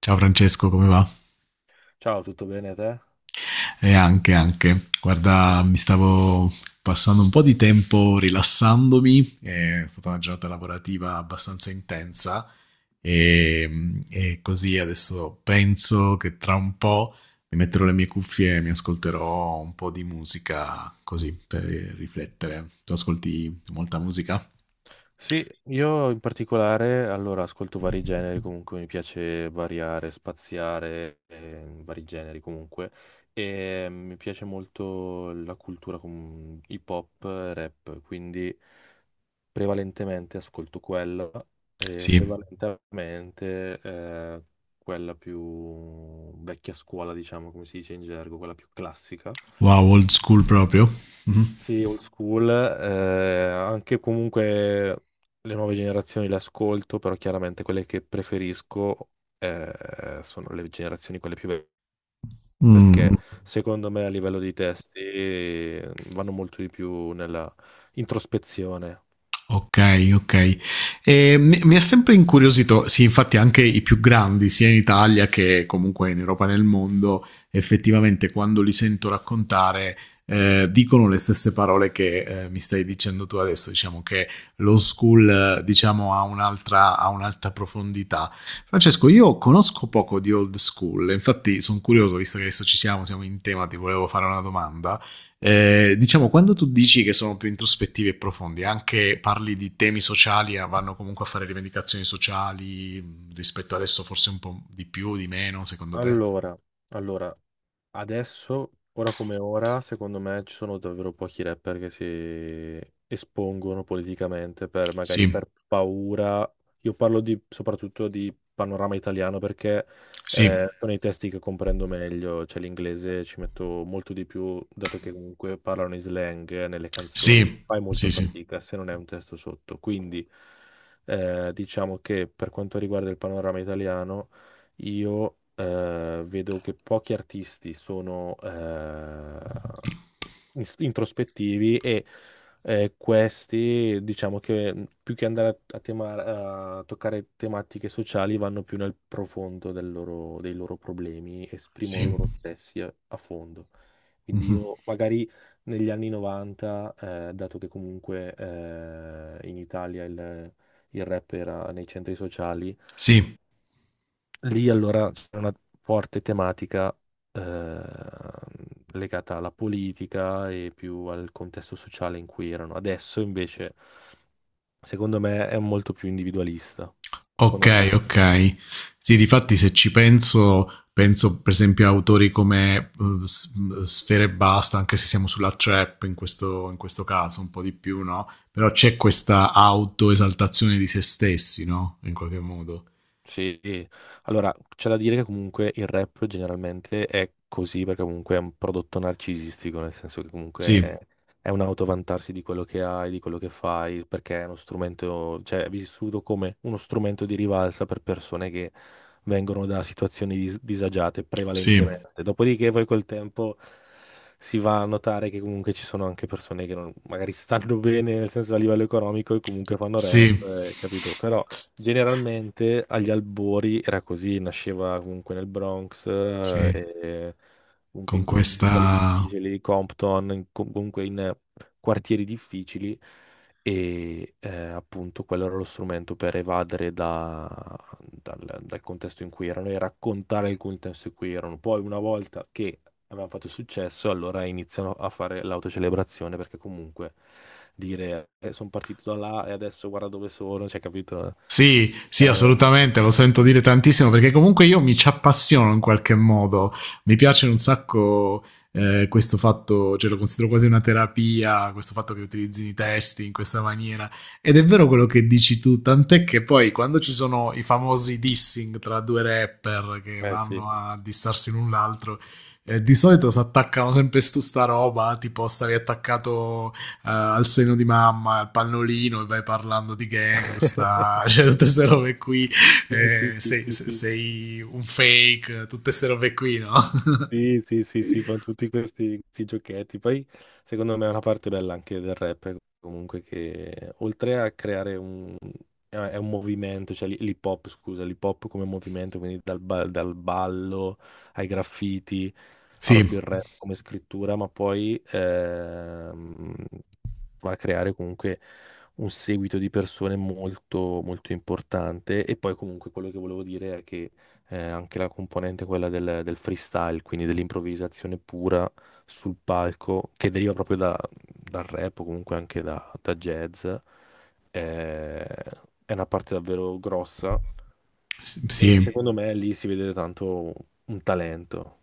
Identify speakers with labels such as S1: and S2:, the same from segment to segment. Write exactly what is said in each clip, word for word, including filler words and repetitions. S1: Ciao Francesco, come va?
S2: Ciao, tutto bene te?
S1: E anche, anche. Guarda, mi stavo passando un po' di tempo rilassandomi, è stata una giornata lavorativa abbastanza intensa e, e così adesso penso che tra un po' mi metterò le mie cuffie e mi ascolterò un po' di musica così per riflettere. Tu ascolti molta musica?
S2: Sì, io in particolare, allora, ascolto vari generi, comunque mi piace variare, spaziare, eh, vari generi comunque, e mi piace molto la cultura com- hip hop, rap, quindi prevalentemente ascolto quella, e
S1: Sì.
S2: prevalentemente eh, quella più vecchia scuola, diciamo, come si dice in gergo, quella più classica.
S1: Wow, old school proprio. Mhm.
S2: Sì, old school, eh, anche comunque le nuove generazioni le ascolto, però chiaramente quelle che preferisco eh, sono le generazioni quelle più vecchie, perché
S1: Mm.
S2: secondo me a livello di testi eh, vanno molto di più nella introspezione.
S1: Ok, ok. E mi, mi ha sempre incuriosito, sì, infatti anche i più grandi, sia in Italia che comunque in Europa e nel mondo, effettivamente quando li sento raccontare, eh, dicono le stesse parole che eh, mi stai dicendo tu adesso, diciamo che lo school, eh, diciamo, ha un'altra, ha un'altra profondità. Francesco, io conosco poco di old school, infatti sono curioso, visto che adesso ci siamo, siamo in tema, ti volevo fare una domanda. Eh, diciamo, quando tu dici che sono più introspettivi e profondi, anche parli di temi sociali, eh, vanno comunque a fare rivendicazioni sociali mm, rispetto adesso forse un po' di più, di meno, secondo te?
S2: Allora, allora, Adesso, ora come ora, secondo me ci sono davvero pochi rapper che si espongono politicamente per magari
S1: Sì,
S2: per paura. Io parlo di, soprattutto di panorama italiano perché
S1: sì,
S2: eh, sono i testi che comprendo meglio, cioè l'inglese ci metto molto di più, dato che comunque parlano in slang nelle canzoni,
S1: sì,
S2: fai molto
S1: sì, sì,
S2: fatica se non è un testo sotto. Quindi eh, diciamo che per quanto riguarda il panorama italiano io eh, vedo che pochi artisti sono eh, ins- introspettivi e eh, questi, diciamo che mh, più che andare a, a tema- a toccare tematiche sociali, vanno più nel profondo del loro- dei loro problemi, esprimono
S1: sì.
S2: loro stessi a, a fondo. Quindi
S1: Mhm.
S2: io magari negli anni novanta, eh, dato che comunque eh, in Italia il il rap era nei centri sociali.
S1: Sì.
S2: Lì allora c'è una forte tematica eh, legata alla politica e più al contesto sociale in cui erano. Adesso invece, secondo me, è molto più individualista. Secondo
S1: Okay,
S2: te?
S1: okay. Sì, difatti se ci penso, penso per esempio a autori come, uhm, S mhmm, Sfera Ebbasta, anche se siamo sulla trap in questo in questo caso un po' di più, no, però c'è questa autoesaltazione di se stessi, no, in qualche modo.
S2: Sì, sì. Allora c'è da dire che comunque il rap generalmente è così perché comunque è un prodotto narcisistico, nel senso che comunque è,
S1: Sì,
S2: è un autovantarsi di quello che hai, di quello che fai, perché è uno strumento, cioè è vissuto come uno strumento di rivalsa per persone che vengono da situazioni dis- disagiate
S1: sì,
S2: prevalentemente. Dopodiché poi col tempo si va a notare che comunque ci sono anche persone che non- magari stanno bene, nel senso a livello economico e comunque fanno rap,
S1: sì.
S2: eh, capito? Però generalmente agli albori era così, nasceva comunque nel Bronx, eh,
S1: Sì,
S2: e comunque
S1: con
S2: in contesti sociali
S1: questa.
S2: difficili, Compton, in- com- comunque in eh, quartieri difficili e eh, appunto quello era lo strumento per evadere da- dal, dal contesto in cui erano e raccontare il contesto in cui erano. Poi una volta che avevano fatto successo, allora iniziano a fare l'autocelebrazione perché comunque dire sono partito da là e adesso guarda dove sono, cioè capito?
S1: Sì, sì,
S2: Chiaramente.
S1: assolutamente, lo sento dire tantissimo perché comunque io mi ci appassiono in qualche modo, mi piace un sacco eh, questo fatto, cioè lo considero quasi una terapia, questo fatto che utilizzi i testi in questa maniera ed è vero quello che dici tu, tant'è che poi quando ci sono i famosi dissing tra due rapper che
S2: Eh sì.
S1: vanno a dissarsi l'un l'altro, eh, di solito si attaccano sempre su sta roba, tipo stavi attaccato eh, al seno di mamma, al pannolino e vai parlando di gangsta, cioè tutte queste robe qui,
S2: Sì, sì,
S1: eh,
S2: sì,
S1: sei,
S2: sì, sì.
S1: sei, un fake, tutte queste robe qui, no?
S2: Sì, sì, sì, sì, fa tutti questi, questi giochetti. Poi, secondo me, è una parte bella anche del rap, comunque, che oltre a creare un... è è un movimento, cioè l'hi- l'hip hop, scusa, l'hip hop come movimento, quindi dal, ba- dal ballo ai graffiti, ha
S1: Sì,
S2: proprio il rap come scrittura, ma poi ehm, va a creare comunque un seguito di persone molto, molto importante. E poi comunque quello che volevo dire è che eh, anche la componente quella del, del freestyle, quindi dell'improvvisazione pura sul palco, che deriva proprio da- dal rap o comunque anche da, da jazz, eh, è una parte davvero grossa e
S1: sì.
S2: secondo me lì si vede tanto un talento.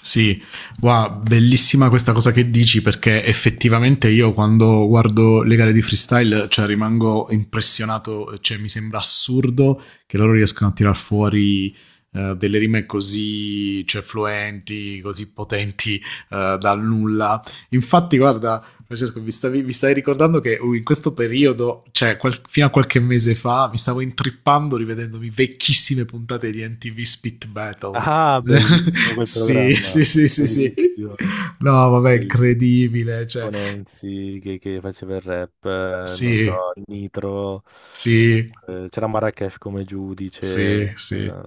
S1: Sì, wow, bellissima questa cosa che dici perché effettivamente io quando guardo le gare di freestyle cioè, rimango impressionato, cioè, mi sembra assurdo che loro riescano a tirar fuori eh, delle rime così cioè, fluenti, così potenti eh, da nulla. Infatti, guarda, Francesco, mi stavi, mi stavi ricordando che uh, in questo periodo, cioè qual- fino a qualche mese fa, mi stavo intrippando rivedendomi vecchissime puntate di N T V Spit Battle.
S2: Ah, bellissimo quel
S1: Sì,
S2: programma,
S1: sì, sì, sì, sì.
S2: bellissimo,
S1: No, vabbè,
S2: bellissimo.
S1: incredibile, cioè,
S2: Con Enzi che, che faceva il rap, eh, non so,
S1: sì,
S2: Nitro,
S1: sì,
S2: comunque, c'era Marracash come
S1: sì,
S2: giudice,
S1: sì.
S2: eh,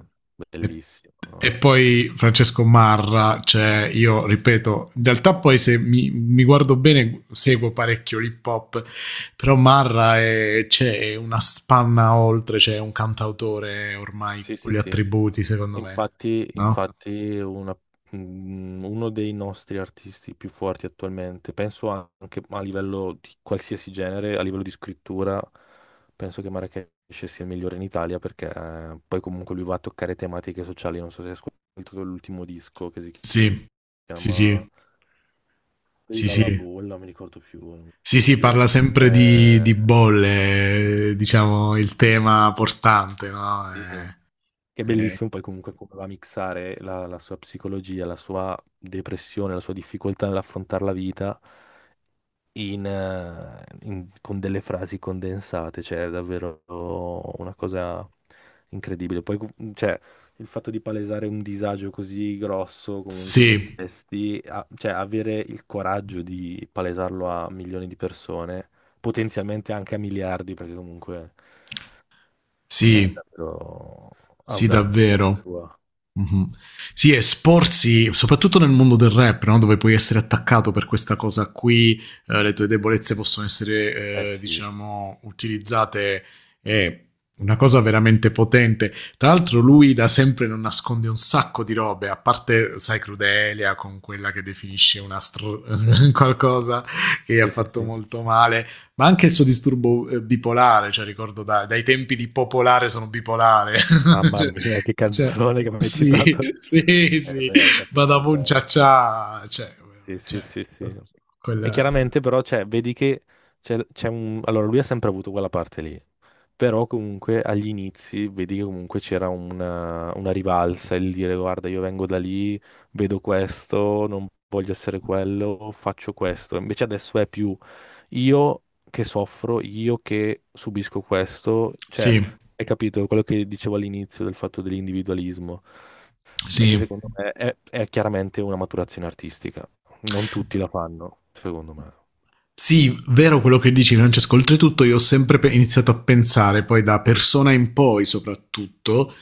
S1: E,
S2: bellissimo.
S1: e poi Francesco Marra, cioè, io ripeto, in realtà poi se mi, mi guardo bene seguo parecchio l'hip hop, però Marra è, cioè, è una spanna oltre, cioè, è un cantautore ormai
S2: Sì,
S1: con
S2: sì,
S1: gli
S2: sì.
S1: attributi, secondo me,
S2: Infatti,
S1: no?
S2: infatti una- mm, uno dei nostri artisti più forti attualmente, penso anche a livello di qualsiasi genere, a livello di scrittura, penso che Marracash sia il migliore in Italia perché eh, poi comunque lui va a toccare tematiche sociali, non so se hai ascoltato l'ultimo disco che si
S1: Sì, sì, sì,
S2: chiama... fuori
S1: sì,
S2: dalla
S1: sì.
S2: bolla, non mi ricordo più, non mi
S1: Sì,
S2: ricordo
S1: sì,
S2: più.
S1: parla sempre di,
S2: Eh,
S1: di bolle, eh, diciamo, il tema portante, no?
S2: e-
S1: Eh,
S2: che è
S1: eh,
S2: bellissimo poi comunque come va a mixare la, la sua psicologia, la sua depressione, la sua difficoltà nell'affrontare la vita in, eh, in- con delle frasi condensate, cioè è davvero una cosa incredibile. Poi, cu- cioè, il fatto di palesare un disagio così grosso comunque nei
S1: sì,
S2: testi, a- cioè avere il coraggio di palesarlo a milioni di persone, potenzialmente anche a miliardi, perché comunque cioè, è
S1: sì,
S2: davvero
S1: sì,
S2: audace da parte
S1: davvero.
S2: sua.
S1: Mhm. Sì, esporsi, soprattutto nel mondo del rap, no? Dove puoi essere attaccato per questa cosa qui, eh, le tue debolezze possono
S2: Eh
S1: essere, eh,
S2: sì,
S1: diciamo, utilizzate, è una cosa veramente potente. Tra l'altro lui da sempre non nasconde un sacco di robe, a parte, sai, Crudelia con quella che definisce una stro- qualcosa che gli ha
S2: sì, sì,
S1: fatto
S2: sì.
S1: molto male, ma anche il suo disturbo eh, bipolare, cioè ricordo da- dai tempi di popolare sono bipolare.
S2: Mamma
S1: cioè,
S2: mia, che
S1: cioè-
S2: canzone che mi hai
S1: sì,
S2: citato.
S1: sì,
S2: Eh
S1: sì.
S2: beh, hai capito,
S1: Badaboom
S2: cioè...
S1: Cia Cia, cioè,
S2: Sì,
S1: cioè,
S2: sì, sì, sì. E
S1: quella...
S2: chiaramente però cioè, vedi che c'è c'è un... Allora lui ha sempre avuto quella parte lì, però comunque agli inizi vedi che comunque c'era una, una rivalsa, il dire guarda io vengo da lì, vedo questo, non voglio essere quello, faccio questo. Invece adesso è più io che soffro, io che subisco questo, cioè
S1: Sì,
S2: hai capito quello che dicevo all'inizio del fatto dell'individualismo, è che
S1: sì.
S2: secondo me è è chiaramente una maturazione artistica, non tutti la fanno, secondo me.
S1: Sì, vero quello che dici Francesco, oltretutto io ho sempre pe- iniziato a pensare, poi da persona in poi soprattutto,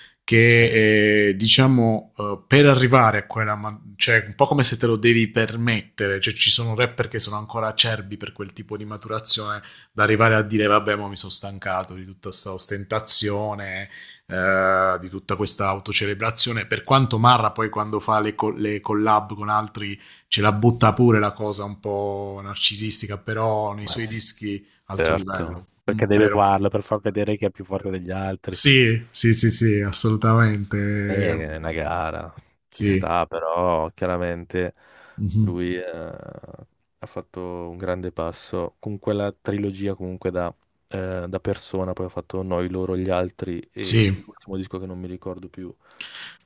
S2: Eh sì,
S1: che eh, diciamo eh, per arrivare a quella, ma- cioè un po' come se te lo devi permettere, cioè ci sono rapper che sono ancora acerbi per quel tipo di maturazione, da arrivare a dire vabbè ma mi sono stancato di tutta questa ostentazione, eh, di tutta questa autocelebrazione, per quanto Marra poi quando fa le, co- le collab con altri ce la butta pure la cosa un po' narcisistica, però nei
S2: ma Eh,
S1: suoi
S2: sì,
S1: dischi altro livello,
S2: certo.
S1: mm,
S2: Perché deve
S1: vero?
S2: farlo per far vedere che è più forte degli altri.
S1: Sì, sì, sì, sì, assolutamente.
S2: Eh, è una gara, ci
S1: Sì.
S2: sta, però chiaramente
S1: Mhm.
S2: lui eh, ha fatto un grande passo con quella trilogia comunque da, eh, da persona, poi ha fatto Noi, loro, gli altri e
S1: Sì,
S2: l'ultimo disco che non mi ricordo più.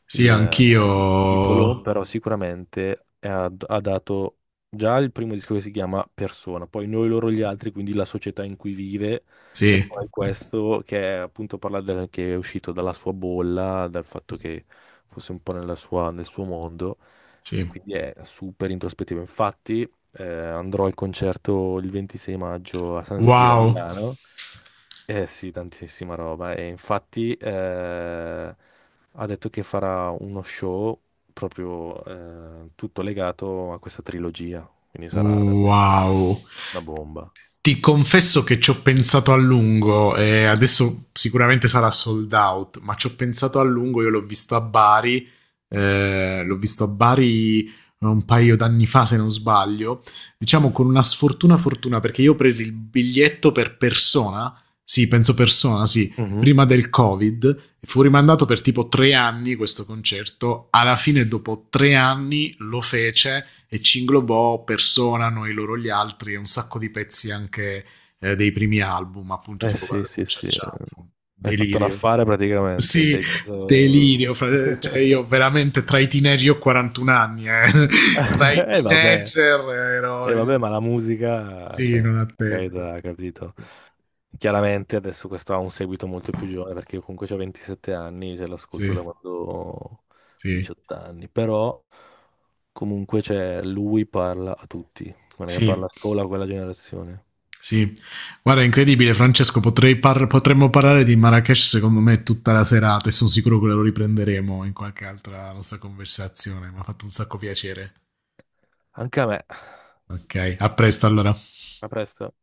S1: sì,
S2: Il il
S1: anch'io.
S2: titolo, però sicuramente è- ha, ha dato già il primo disco che si chiama Persona, poi Noi, loro, gli altri, quindi la società in cui vive, e
S1: Sì,
S2: poi questo che è appunto parla del, che è uscito dalla sua bolla, dal fatto che fosse un po' nella sua- nel suo mondo, e
S1: sì.
S2: quindi è super introspettivo. Infatti, eh, andrò al concerto il ventisei maggio a San Siro a
S1: Wow,
S2: Milano. Eh sì, tantissima roba. E infatti eh, ha detto che farà uno show proprio eh, tutto legato a questa trilogia. Quindi sarà davvero
S1: wow.
S2: una bomba.
S1: Ti confesso che ci ho pensato a lungo, e adesso sicuramente sarà sold out, ma ci ho pensato a lungo, io l'ho visto a Bari, eh, l'ho visto a Bari un paio d'anni fa se non sbaglio, diciamo con una sfortuna fortuna perché io ho preso il biglietto per persona, sì penso persona, sì,
S2: Mhm.
S1: prima del Covid e fu rimandato per tipo tre anni questo concerto. Alla fine, dopo tre anni, lo fece e ci inglobò Persona, Noi loro gli altri e un sacco di pezzi anche eh, dei primi album, appunto
S2: Eh
S1: tipo
S2: sì,
S1: guarda, con
S2: sì,
S1: Ciao
S2: sì.
S1: Ciao, con
S2: Hai fatto un
S1: Delirio.
S2: affare praticamente. Ti
S1: Sì,
S2: hai
S1: delirio,
S2: preso...
S1: fra- cioè io veramente tra i teenager, io ho quarantuno anni, eh. Tra i
S2: E vabbè.
S1: teenager
S2: Eh,
S1: ero il...
S2: vabbè, ma la musica,
S1: Sì,
S2: cioè,
S1: non ha
S2: è
S1: tempo.
S2: carità, capito? Chiaramente adesso questo ha un seguito molto più giovane perché io comunque ho ventisette anni, ce l'ascolto da
S1: Sì,
S2: quando ho
S1: sì,
S2: diciotto anni, però comunque cioè, lui parla a tutti, non è che
S1: sì.
S2: parla solo a quella generazione.
S1: Sì, guarda, è incredibile, Francesco. Potrei par- potremmo parlare di Marrakesh, secondo me, tutta la serata e sono sicuro che lo riprenderemo in qualche altra nostra conversazione. Mi ha fatto un sacco piacere.
S2: Anche a me.
S1: Ok, a presto allora.
S2: A presto.